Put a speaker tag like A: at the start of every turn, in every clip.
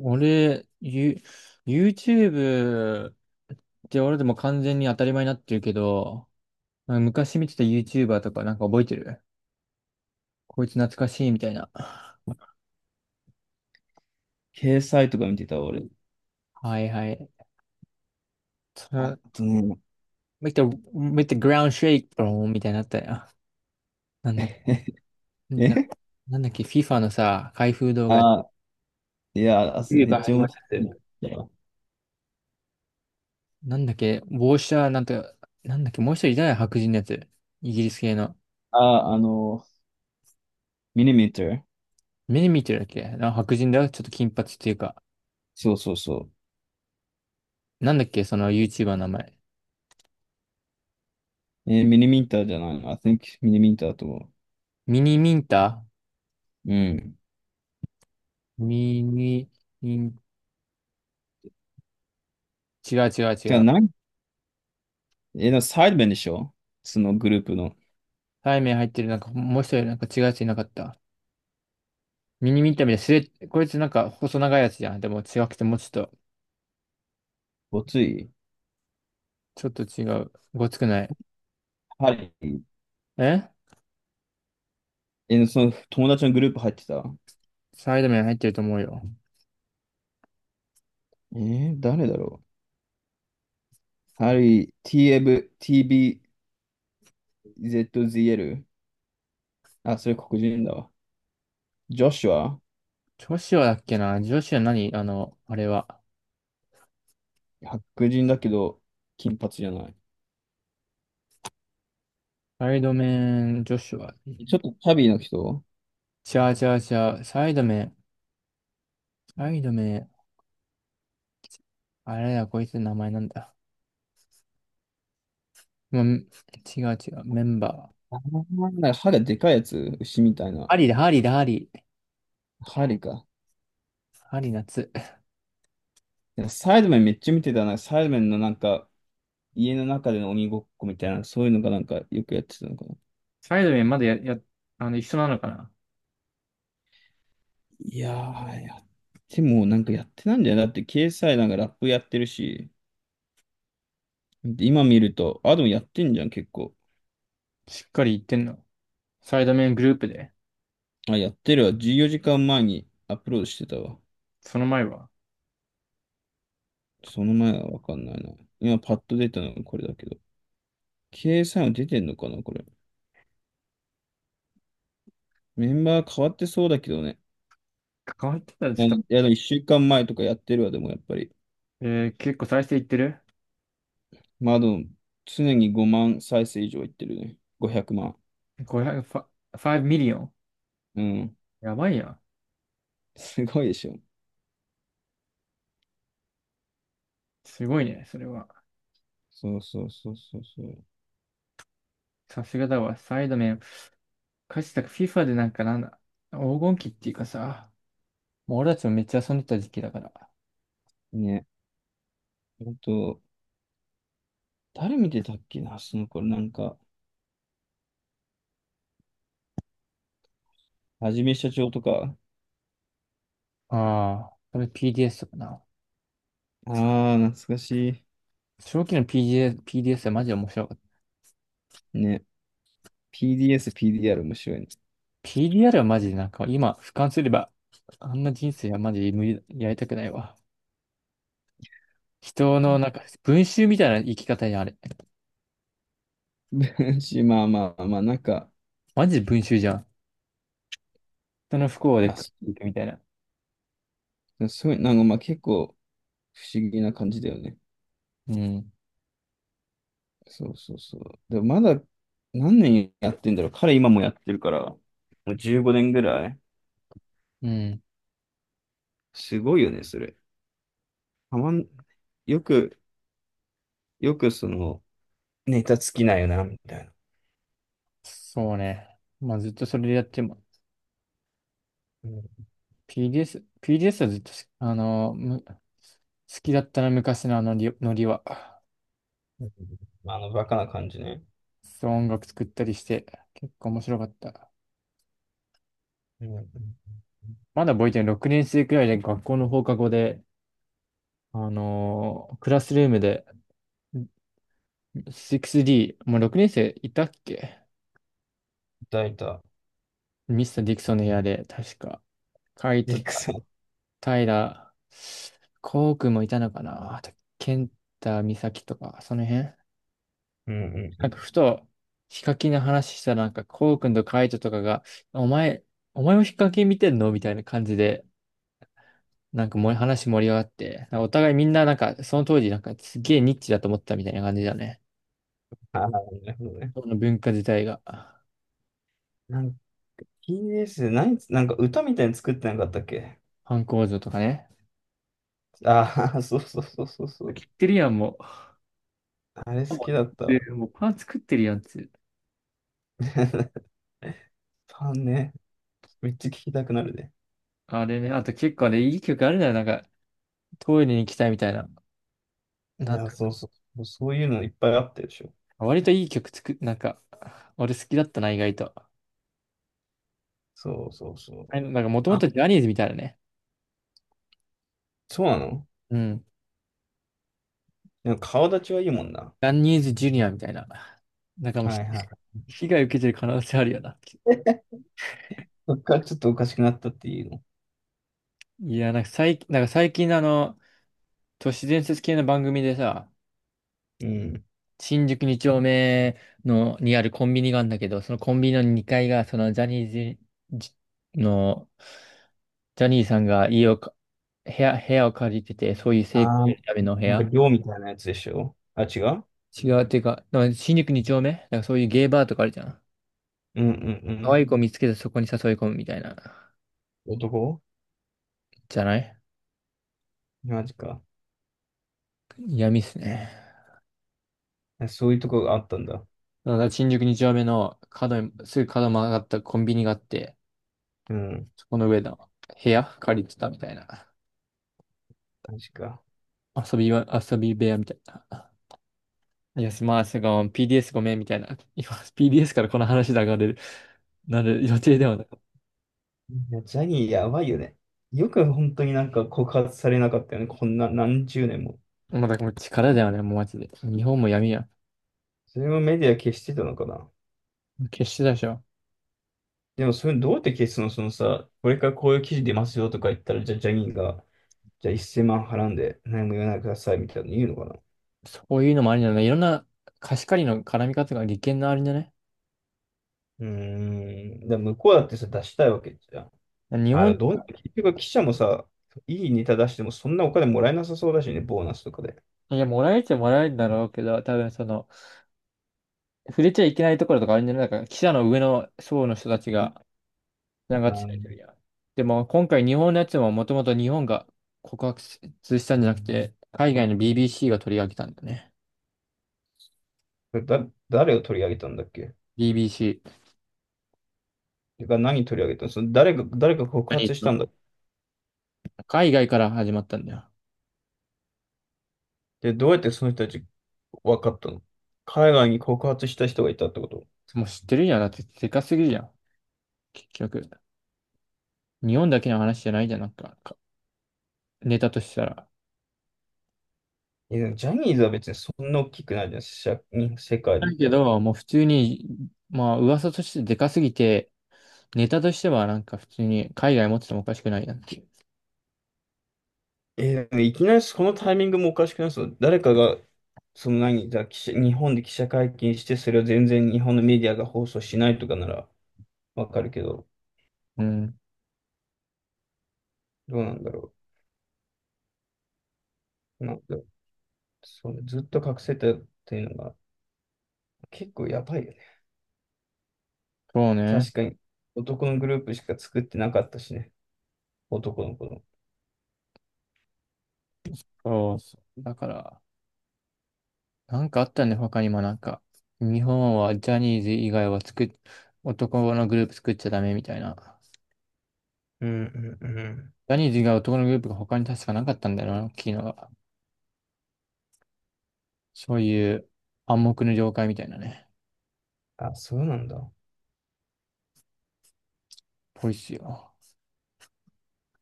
A: 俺、YouTube って俺でも完全に当たり前になってるけど、なんか昔見てた YouTuber とかなんか覚えてる。こいつ懐かしいみたいな。
B: 掲載とか見てた、俺。
A: はいはい。
B: あ
A: そ
B: とね、
A: make the, make the ground shake, bro, みたいになったよ。なんだ、な、
B: え
A: なんだっけ、FIFA のさ、開封動画、
B: あ、いや、あ
A: 冬
B: め
A: か
B: っ
A: ら
B: ちゃ
A: 始ま
B: 面
A: るやつ。
B: 白い。
A: なんだっけ、帽子はなんか。なんだっけ、もう一人いたよ、白人のやつ。イギリス系の。
B: あ、ミニミーター。
A: 目に見てるだっけな、白人だよ、ちょっと金髪っていうか。
B: そうそうそ
A: なんだっけ、その YouTuber の名前。
B: う。ミニミーターじゃないの？I think ミニミーターだと思
A: ミニミンタ
B: う。うん。
A: ミニミン、違う違う違
B: てか、
A: う。
B: なん、えー、サイドベンでしょ、そのグループの。
A: タイ麺入ってる、なんかもう一人なんか違うやついなかった？ミニミンタみたいな、こいつなんか細長いやつじゃん。でも違くてもうちょっと。
B: ごつい。
A: ちょっと違う。ごつくない。
B: ハリー。
A: え
B: その友達のグループ入ってた。
A: サイド麺入ってると思うよ。
B: 誰だろう。ハリー、TF、TBZZL。あ、それ黒人だわ。ジョシュは
A: ジョシュアだっけな、ジョシュア何、あの、あれは。
B: 白人だけど、金髪じゃない。
A: サイド麺、ジョシュア。
B: ちょっとチャビーの人。
A: ちゃうちゃうちゃう。サイド麺、サイド麺。あれだ、こいつの名前なんだ。ま、違う違う。メンバー。
B: なんか歯がでかいやつ、牛みたいな。
A: ハリーだ、ハリーだ、ハリー。
B: 針か。
A: ハリー夏。
B: なんかサイドメンめっちゃ見てたな。サイドメンのなんか、家の中での鬼ごっこみたいな、そういうのがなんかよくやってたのかな。
A: サイドメンまだあの、一緒なのかな？
B: いやー、やってもなんかやってないんだよ。だって掲載なんかラップやってるし、で今見ると、あ、でもやってんじゃん、結構。
A: しっかり言ってんの。サイドメングループで。
B: あ、やってるわ。14時間前にアップロードしてたわ。
A: その前は。
B: その前はわかんないな。今パッと出たのがこれだけど。掲載も出てんのかな、これ。メンバー変わってそうだけどね。
A: 関わってたらちょっ
B: や
A: と。
B: いや、でも1週間前とかやってるわ、でもやっぱり。
A: え結構再生いってる
B: まあ、でも常に5万再生以上いってるね。500万。
A: ?500、ファイブミリオン。
B: うん。
A: やばいやん。
B: すごいでしょ。
A: すごいね、それは。
B: そうそうそうそうそう。
A: さすがだわ。サイドメン。かつて FIFA でなんかなんだ。黄金期っていうかさ、もう俺たちもめっちゃ遊んでた時期だから。
B: ね。あと、誰見てたっけな、その頃なんか、はじめしゃちょーとか。
A: ああ、それ PDS かな。
B: ああ、懐かし
A: 初期の PDS、PDS はマジで面白かった。
B: い。ね。PDS、PDR 面白いね。
A: PDR はマジでなんか今俯瞰すれば、あんな人生はマジで無理、やりたくないわ。人のなんか 文集みたいな生き方やあれ。
B: うんし、まあまあまあ、なんか、
A: マジで文集じゃん。人の不幸で
B: あ、
A: 食っ
B: そ
A: ていくみたいな。
B: うすごい、なんかまあ結構不思議な感じだよね。
A: うん。
B: そうそうそう。でもまだ何年やってんだろう。彼今もやってるから、もう15年ぐらい。
A: うん。
B: すごいよね、それ。たまん、よく、よくその、ネタ尽きないよな、みたいな。
A: そうね。まあずっとそれでやっても。
B: うん
A: PDS、PDS はずっとし、あのむ好きだったな、昔のあのりノリは。
B: うん。あの、バカな感じね。
A: そう、音楽作ったりして、結構面白かった。
B: うんうん。
A: まだ覚えてる。6年生くらいで学校の放課後で、クラスルームで、6D、もう6年生いたっけ？
B: いいた。
A: ミスター・ディクソンの部屋で、確か。カイ
B: ディ
A: ト、
B: ックさん。
A: タイラー、コウ君もいたのかな、あと、ケンタ、ミサキとか、その辺
B: うんうんう
A: なん
B: ん。
A: か、ふと、ヒカキンの話したら、なんか、コウ君とカイトとかが、お前、お前もヒカキン見てんのみたいな感じで、なんかもう話盛り上がって、なんかお互いみんななんか、その当時なんかすげえニッチだと思ってたみたいな感じだね。
B: ああ、なるほどね。
A: その文化自体が、
B: なんか、ティービーエスでなんか歌みたいに作ってなかったっけ？
A: 反抗像とかね。
B: ああ、そうそうそうそうそう。
A: 切ってるやん、もう。
B: あれ好きだったわ。
A: で、もうパン作ってるやんって。
B: ファンね。めっちゃ聞きたくなるね。
A: あれね、あと結構ね、いい曲あるなよ。なんか、トイレに行きたいみたいな。
B: い
A: なん
B: や、
A: か、
B: そうそう。そういうのいっぱいあったでしょ。
A: 割といい曲作っ、なんか、俺好きだったな、意外と。
B: そうそうそ
A: あ
B: う。
A: れなんか、もとも
B: あ、
A: とジャニーズみたいなね。
B: そうなの？
A: うん。
B: でも顔立ちはいいもんな。
A: ジャニーズジュニアみたいな。なんかもうひ、
B: はい はい。
A: 被害受けてる可能性あるよな。
B: そっからちょっとおかしくなったっていうの。
A: いや、なんか最近の都市伝説系の番組でさ、
B: うん。
A: 新宿2丁目にあるコンビニがあるんだけど、そのコンビニの2階が、そのジャニーズの、ジャニーさんが家をか、部屋を借りてて、そういう成功を
B: ああ、
A: 得るための部
B: なんか
A: 屋。
B: 寮みたいなやつでしょ。あ、違う？
A: 違う、っていうか、でも新宿二丁目だからそういうゲイバーとかあるじゃん。
B: うんう
A: 可愛
B: ん
A: い子見つけてそこに誘い込むみたいな。
B: うん。
A: じゃない。
B: マジか。
A: 闇っすね。
B: え、そういうとこがあったんだ。
A: だから新宿二丁目の角に、すぐ角曲がったコンビニがあって、
B: うん。
A: そこの上の部屋借りてたみたいな。
B: マジか。
A: 遊び部屋みたいな。いや、すまあ、すごい、PDS ごめんみたいな。今、PDS からこの話で上がれる、なる予定ではない。
B: いや、ジャニーやばいよね。よく本当になんか告発されなかったよね。こんな何十年も。
A: まあだからもう力だよね、もうマジで。日本も闇や。
B: それもメディア消してたのかな。
A: 決してだでしょ。
B: でも、それどうやって消すの、そのさ、これからこういう記事出ますよとか言ったら、じゃあ、ジャニーが、じゃあ1万払うんで、何も言わないでくださいみたいなの言うのかな？
A: そういうのもありなんだ。いろんな貸し借りの絡み方が利権のあるんじゃね？
B: うーん。だから向こうだってさ、出したいわけじゃん。
A: 日本。
B: 結局記者もさ、いいネタ出してもそんなお金もらえなさそうだしね、ボーナスとかで。
A: いや、もらえちゃもらえるんだろうけど、多分その、触れちゃいけないところとかあるんじゃない。だから、記者の上の層の人たちが、なん
B: う
A: かついて
B: ん。
A: るやん。でも、今回日本のやつももともと日本が告発したんじゃなくて、海外の BBC が取り上げたんだよね。
B: だ、誰を取り上げたんだっけ？
A: BBC。
B: てか、何取り上げたの？その誰が告
A: 何言っ
B: 発
A: て
B: し
A: ん
B: たん
A: の？
B: だ？
A: 海外から始まったんだよ。
B: で、どうやってその人たち分かったの？海外に告発した人がいたってこと？
A: もう知ってるじゃん。だって、でかすぎるじゃん。結局。日本だけの話じゃないじゃん、なんか、ネタとしたら。
B: いや、でもジャニーズは別にそんな大きくないじゃん、世界で
A: だ
B: 言っ
A: け
B: たら。
A: ど、もう普通に、まあ噂としてでかすぎて、ネタとしてはなんか普通に海外持っててもおかしくないなっていう。
B: え、でもいきなりこのタイミングもおかしくない？そう、誰かが、その何、じゃあ記者、日本で記者会見して、それを全然日本のメディアが放送しないとかならわかるけど、
A: うん、
B: どうなんだろう。なんか、それずっと隠せたっていうのが結構やばいよね。
A: そうね。
B: 確かに、男のグループしか作ってなかったしね。男の子の。
A: そうそう。だから、なんかあったね、他にもなんか。日本はジャニーズ以外は作っ、男のグループ作っちゃダメみたいな。
B: うんうんうん。
A: ジャニーズ以外男のグループが他に確かなかったんだよな、大きいのが。そういう暗黙の了解みたいなね、
B: あ、そうなんだ。
A: ぽいっすよ。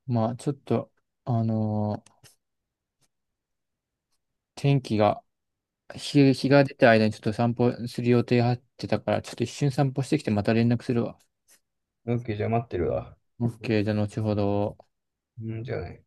A: まあちょっと、あのー天気が、日が出た間にちょっと散歩する予定入ってたから、ちょっと一瞬散歩してきてまた連絡するわ。
B: オッケー、じゃあ待ってるわ。
A: OK、じゃあ後ほど。
B: うん、じゃあね。